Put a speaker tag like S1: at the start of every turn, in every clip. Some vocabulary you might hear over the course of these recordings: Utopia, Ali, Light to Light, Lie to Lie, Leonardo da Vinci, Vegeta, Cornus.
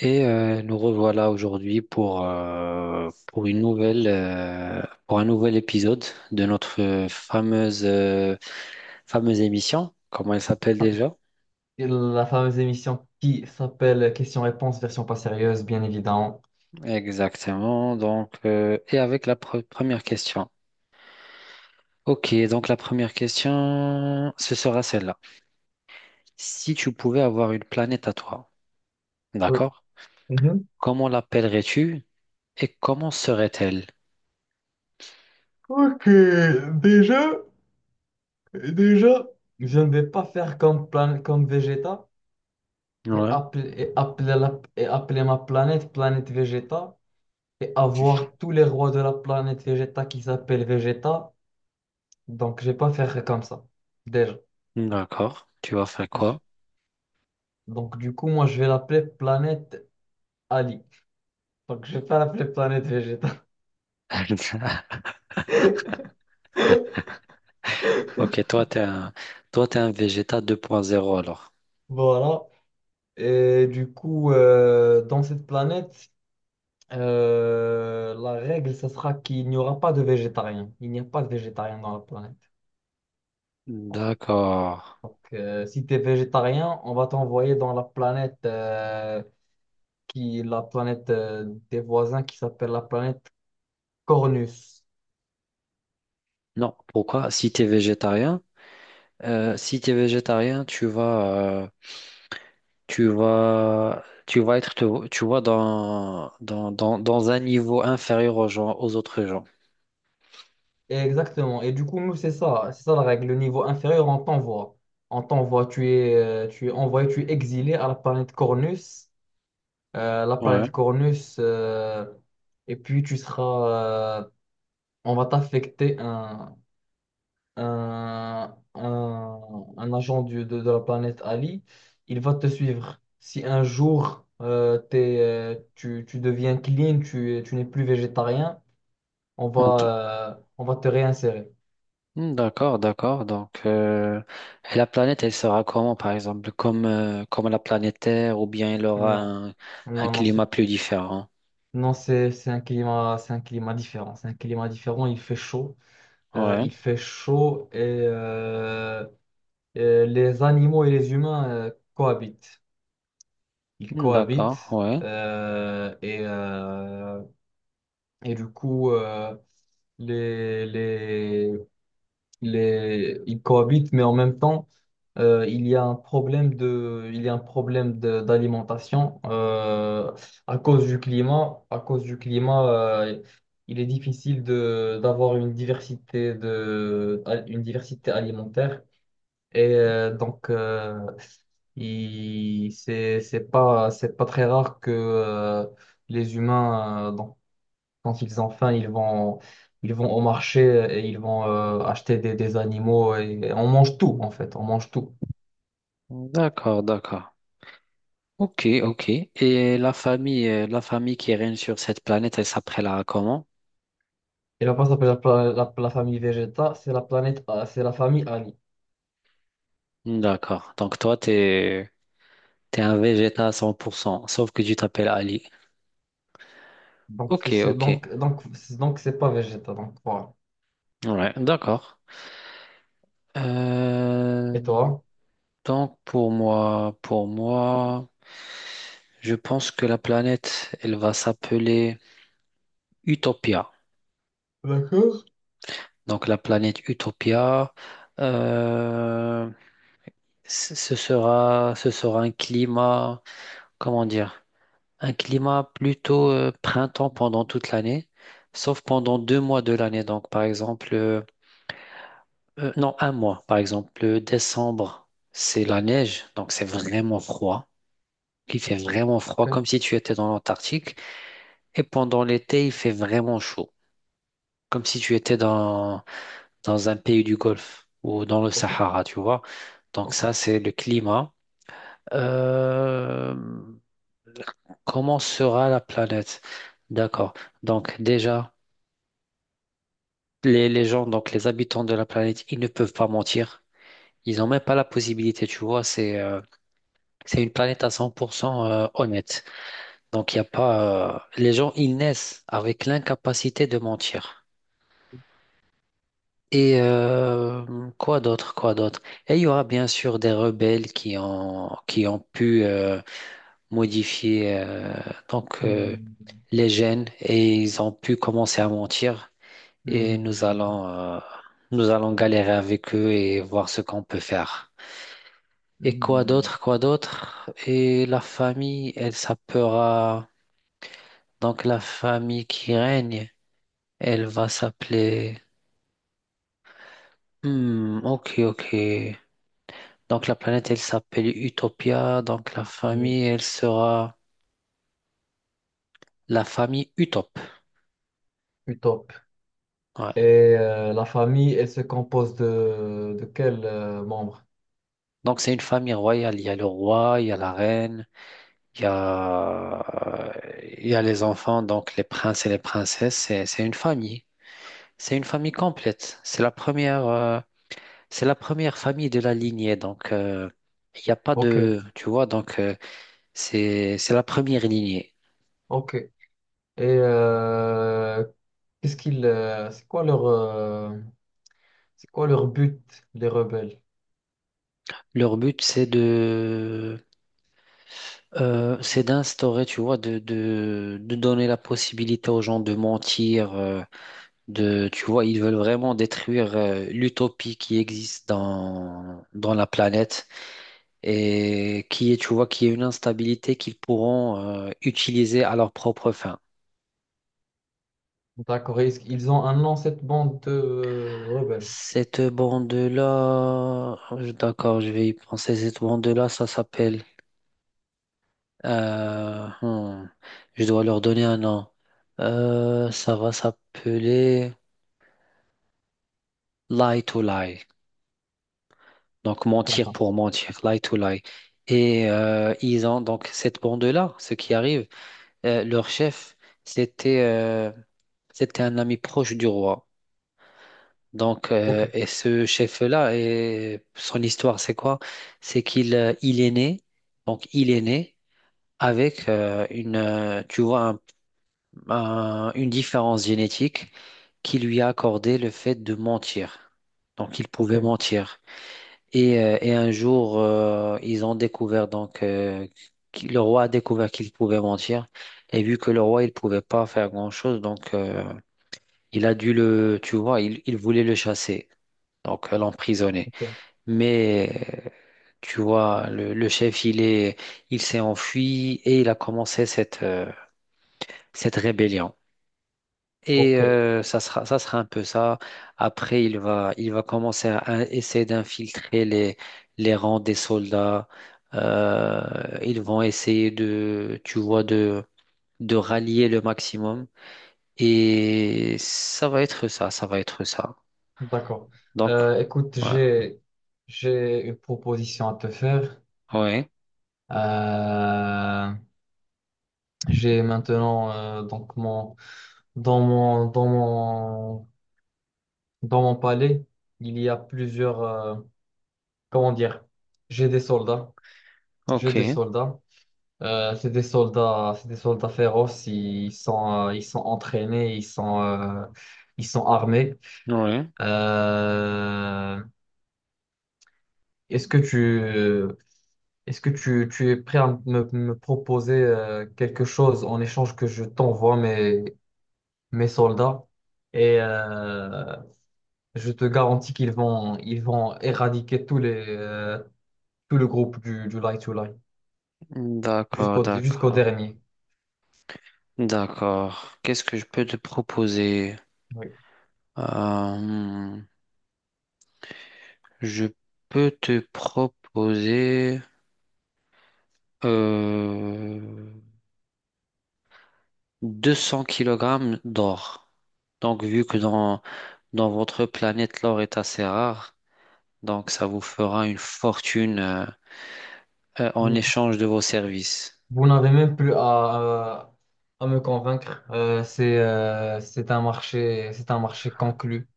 S1: Et nous revoilà aujourd'hui pour une nouvelle, pour un nouvel épisode de notre fameuse émission. Comment elle s'appelle déjà?
S2: La fameuse émission qui s'appelle Questions-réponses, version pas sérieuse, bien évidemment.
S1: Exactement. Donc, et avec la première question. Ok, donc la première question, ce sera celle-là. Si tu pouvais avoir une planète à toi,
S2: Oui.
S1: d'accord?
S2: Mhm.
S1: Comment l'appellerais-tu et comment serait-elle?
S2: Ok, déjà, déjà, je ne vais pas faire comme, comme Vegeta et
S1: Ouais,
S2: appeler, et appeler et appeler ma planète planète Vegeta et avoir tous les rois de la planète Vegeta qui s'appellent Vegeta. Donc, je vais pas faire comme ça, déjà.
S1: d'accord. Tu vas faire quoi?
S2: Donc, du coup, moi, je vais l'appeler planète Ali. Donc, je vais pas l'appeler planète Vegeta.
S1: Ok, toi, t'es un végéta 2.0 alors.
S2: Voilà. Et du coup, dans cette planète, la règle, ce sera qu'il n'y aura pas de végétariens. Il n'y a pas de végétariens dans la planète, en fait.
S1: D'accord.
S2: Donc, si tu es végétarien, on va t'envoyer dans la planète, qui, la planète des voisins qui s'appelle la planète Cornus.
S1: Non, pourquoi? Si t'es végétarien, tu vas être, tu vois, dans un niveau inférieur aux gens, aux autres gens.
S2: Et exactement. Et du coup, nous, c'est ça. C'est ça la règle. Le niveau inférieur, on t'envoie. On t'envoie, tu es envoyé, tu es exilé à la planète Cornus. La
S1: Ouais.
S2: planète Cornus, et puis tu seras, on va t'affecter un, un agent de la planète Ali. Il va te suivre. Si un jour t'es, tu, tu deviens clean, tu n'es plus végétarien,
S1: En tout-
S2: on va te réinsérer.
S1: Hmm, d'accord, d'accord. Donc, et la planète, elle sera comment, par exemple? Comme la planète Terre, ou bien elle aura
S2: Non,
S1: un,
S2: non, non,
S1: climat plus différent?
S2: non, c'est un climat différent. C'est un climat différent. Il fait chaud.
S1: Ouais.
S2: Il fait chaud et euh, les animaux et les humains cohabitent. Ils
S1: Hmm, d'accord,
S2: cohabitent
S1: ouais.
S2: et du coup, les, les, ils cohabitent, mais en même temps, il y a un problème de, il y a un problème d'alimentation à cause du climat. À cause du climat, il est difficile de, d'avoir une diversité de, une diversité alimentaire. Et donc, il, c'est pas très rare que les humains, donc, quand ils ont faim, ils vont au marché et ils vont acheter des animaux et on mange tout, en fait, on mange tout.
S1: D'accord, d'accord. Ok, ok. Et la famille qui règne sur cette planète, elle s'appellera comment?
S2: Et là-bas, ça s'appelle la, la famille Vegeta, c'est la planète, c'est la famille Ali.
S1: D'accord. Donc toi, t'es un Végéta à 100%, sauf que tu t'appelles Ali.
S2: Donc,
S1: Ok,
S2: c'est,
S1: ok.
S2: donc, donc, c'est pas Vegeta, donc voilà.
S1: Ouais, d'accord. Euh,
S2: Et toi?
S1: donc pour moi, je pense que la planète, elle va s'appeler Utopia.
S2: D'accord.
S1: Donc la planète Utopia, euh, ce sera un climat, comment dire, un climat plutôt printemps pendant toute l'année, sauf pendant 2 mois de l'année. Donc, par exemple, non, un mois. Par exemple, le décembre, c'est la neige, donc c'est vraiment froid. Il fait vraiment froid, comme
S2: Ok,
S1: si tu étais dans l'Antarctique. Et pendant l'été, il fait vraiment chaud, comme si tu étais dans un pays du Golfe ou dans le
S2: ok,
S1: Sahara, tu vois. Donc ça,
S2: ok.
S1: c'est le climat. Euh, comment sera la planète? D'accord. Donc déjà, les gens, donc les habitants de la planète, ils ne peuvent pas mentir. Ils n'ont même pas la possibilité, tu vois. C'est une planète à 100% honnête. Donc, il y a pas. Les gens, ils naissent avec l'incapacité de mentir. Et quoi d'autre, quoi d'autre? Et il y aura bien sûr des rebelles qui ont pu modifier donc,
S2: Hmm,
S1: les gènes et ils ont pu commencer à mentir. Et nous
S2: hmm,
S1: allons, euh, nous allons galérer avec eux et voir ce qu'on peut faire. Et quoi
S2: hmm,
S1: d'autre, quoi d'autre? Et la famille, elle s'appellera, donc la famille qui règne, elle va s'appeler, hmm, ok, ok. Donc la planète, elle s'appelle Utopia, donc la
S2: hmm.
S1: famille, elle sera la famille Utop.
S2: Du top.
S1: Ouais.
S2: Et la famille, elle se compose de quels membres?
S1: Donc c'est une famille royale, il y a le roi, il y a la reine. Il y a, il y a les enfants, donc les princes et les princesses, c'est une famille. C'est une famille complète. C'est la première famille de la lignée. Donc, il n'y a pas
S2: Ok,
S1: de, tu vois, donc c'est la première lignée.
S2: ok. Et euh, qu'est-ce qu'ils, c'est quoi leur but, les rebelles?
S1: Leur but, c'est d'instaurer, tu vois, de donner la possibilité aux gens de mentir, tu vois, ils veulent vraiment détruire, l'utopie qui existe dans, la planète, et qui est, tu vois, qui est une instabilité qu'ils pourront utiliser à leur propre fin.
S2: D'accord, et est-ce qu'ils ont un nom, cette bande de rebelles.
S1: Cette bande-là, d'accord, je vais y penser. Cette bande-là, ça s'appelle. euh, hmm, je dois leur donner un nom. Ça va s'appeler Lie to Lie. Donc mentir pour mentir, lie to lie. Et ils ont donc cette bande-là, ce qui arrive, leur chef, c'était euh, c'était un ami proche du roi. Donc,
S2: Ok,
S1: et ce chef-là, et son histoire, c'est quoi? C'est qu'il il est né, donc il est né avec une, tu vois, une différence génétique qui lui a accordé le fait de mentir. Donc, il pouvait
S2: ok,
S1: mentir. Et un jour, ils ont découvert, donc, le roi a découvert qu'il pouvait mentir. Et vu que le roi, il pouvait pas faire grand-chose, donc, il a dû le, tu vois, il voulait le chasser, donc l'emprisonner.
S2: ok,
S1: Mais euh, tu vois, le chef, il s'est enfui et il a commencé cette rébellion. Et
S2: ok.
S1: ça sera un peu ça. Après, il va commencer à essayer d'infiltrer les, rangs des soldats. Ils vont essayer de, tu vois, de rallier le maximum. Et ça va être ça, ça va être ça.
S2: D'accord.
S1: Donc,
S2: Écoute,
S1: voilà.
S2: j'ai une proposition à te faire.
S1: Ouais,
S2: Euh, j'ai maintenant donc mon dans mon dans mon dans mon palais, il y a plusieurs, comment dire, j'ai des soldats, j'ai des
S1: ok,
S2: soldats. C'est des soldats, c'est des soldats féroces. Ils sont entraînés, ils sont armés.
S1: ouais.
S2: Euh, Est-ce que tu, est-ce que tu es prêt à me, me proposer quelque chose en échange que je t'envoie mes, mes soldats? Et je te garantis qu'ils vont, ils vont éradiquer tous les, tout le groupe du Light to Light,
S1: D'accord,
S2: jusqu'au jusqu'au
S1: d'accord,
S2: dernier.
S1: d'accord. Qu'est-ce que je peux te proposer?
S2: Oui.
S1: Euh, je peux te proposer euh, 200 kg d'or. Donc, vu que dans votre planète, l'or est assez rare, donc ça vous fera une fortune en
S2: Mm.
S1: échange de vos services.
S2: Vous n'avez même plus à me convaincre. C'est c'est un marché conclu.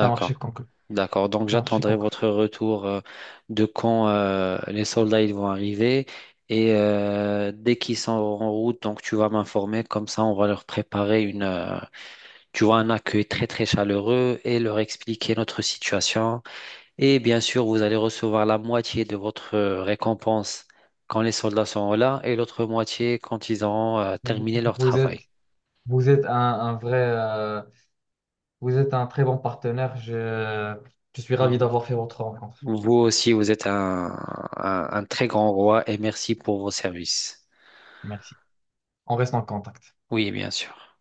S2: C'est un marché conclu.
S1: D'accord, donc
S2: C'est un marché
S1: j'attendrai
S2: conclu.
S1: votre retour de quand les soldats ils vont arriver et dès qu'ils sont en route, donc tu vas m'informer, comme ça on va leur préparer tu vois, un accueil très très chaleureux et leur expliquer notre situation. Et bien sûr, vous allez recevoir la moitié de votre récompense quand les soldats sont là et l'autre moitié quand ils auront
S2: Vous
S1: terminé leur
S2: vous êtes,
S1: travail.
S2: vous êtes un vrai, vous êtes un très bon partenaire. Je suis ravi d'avoir fait votre rencontre.
S1: Vous aussi, vous êtes un très grand roi et merci pour vos services.
S2: Merci. On reste en contact.
S1: Oui, bien sûr.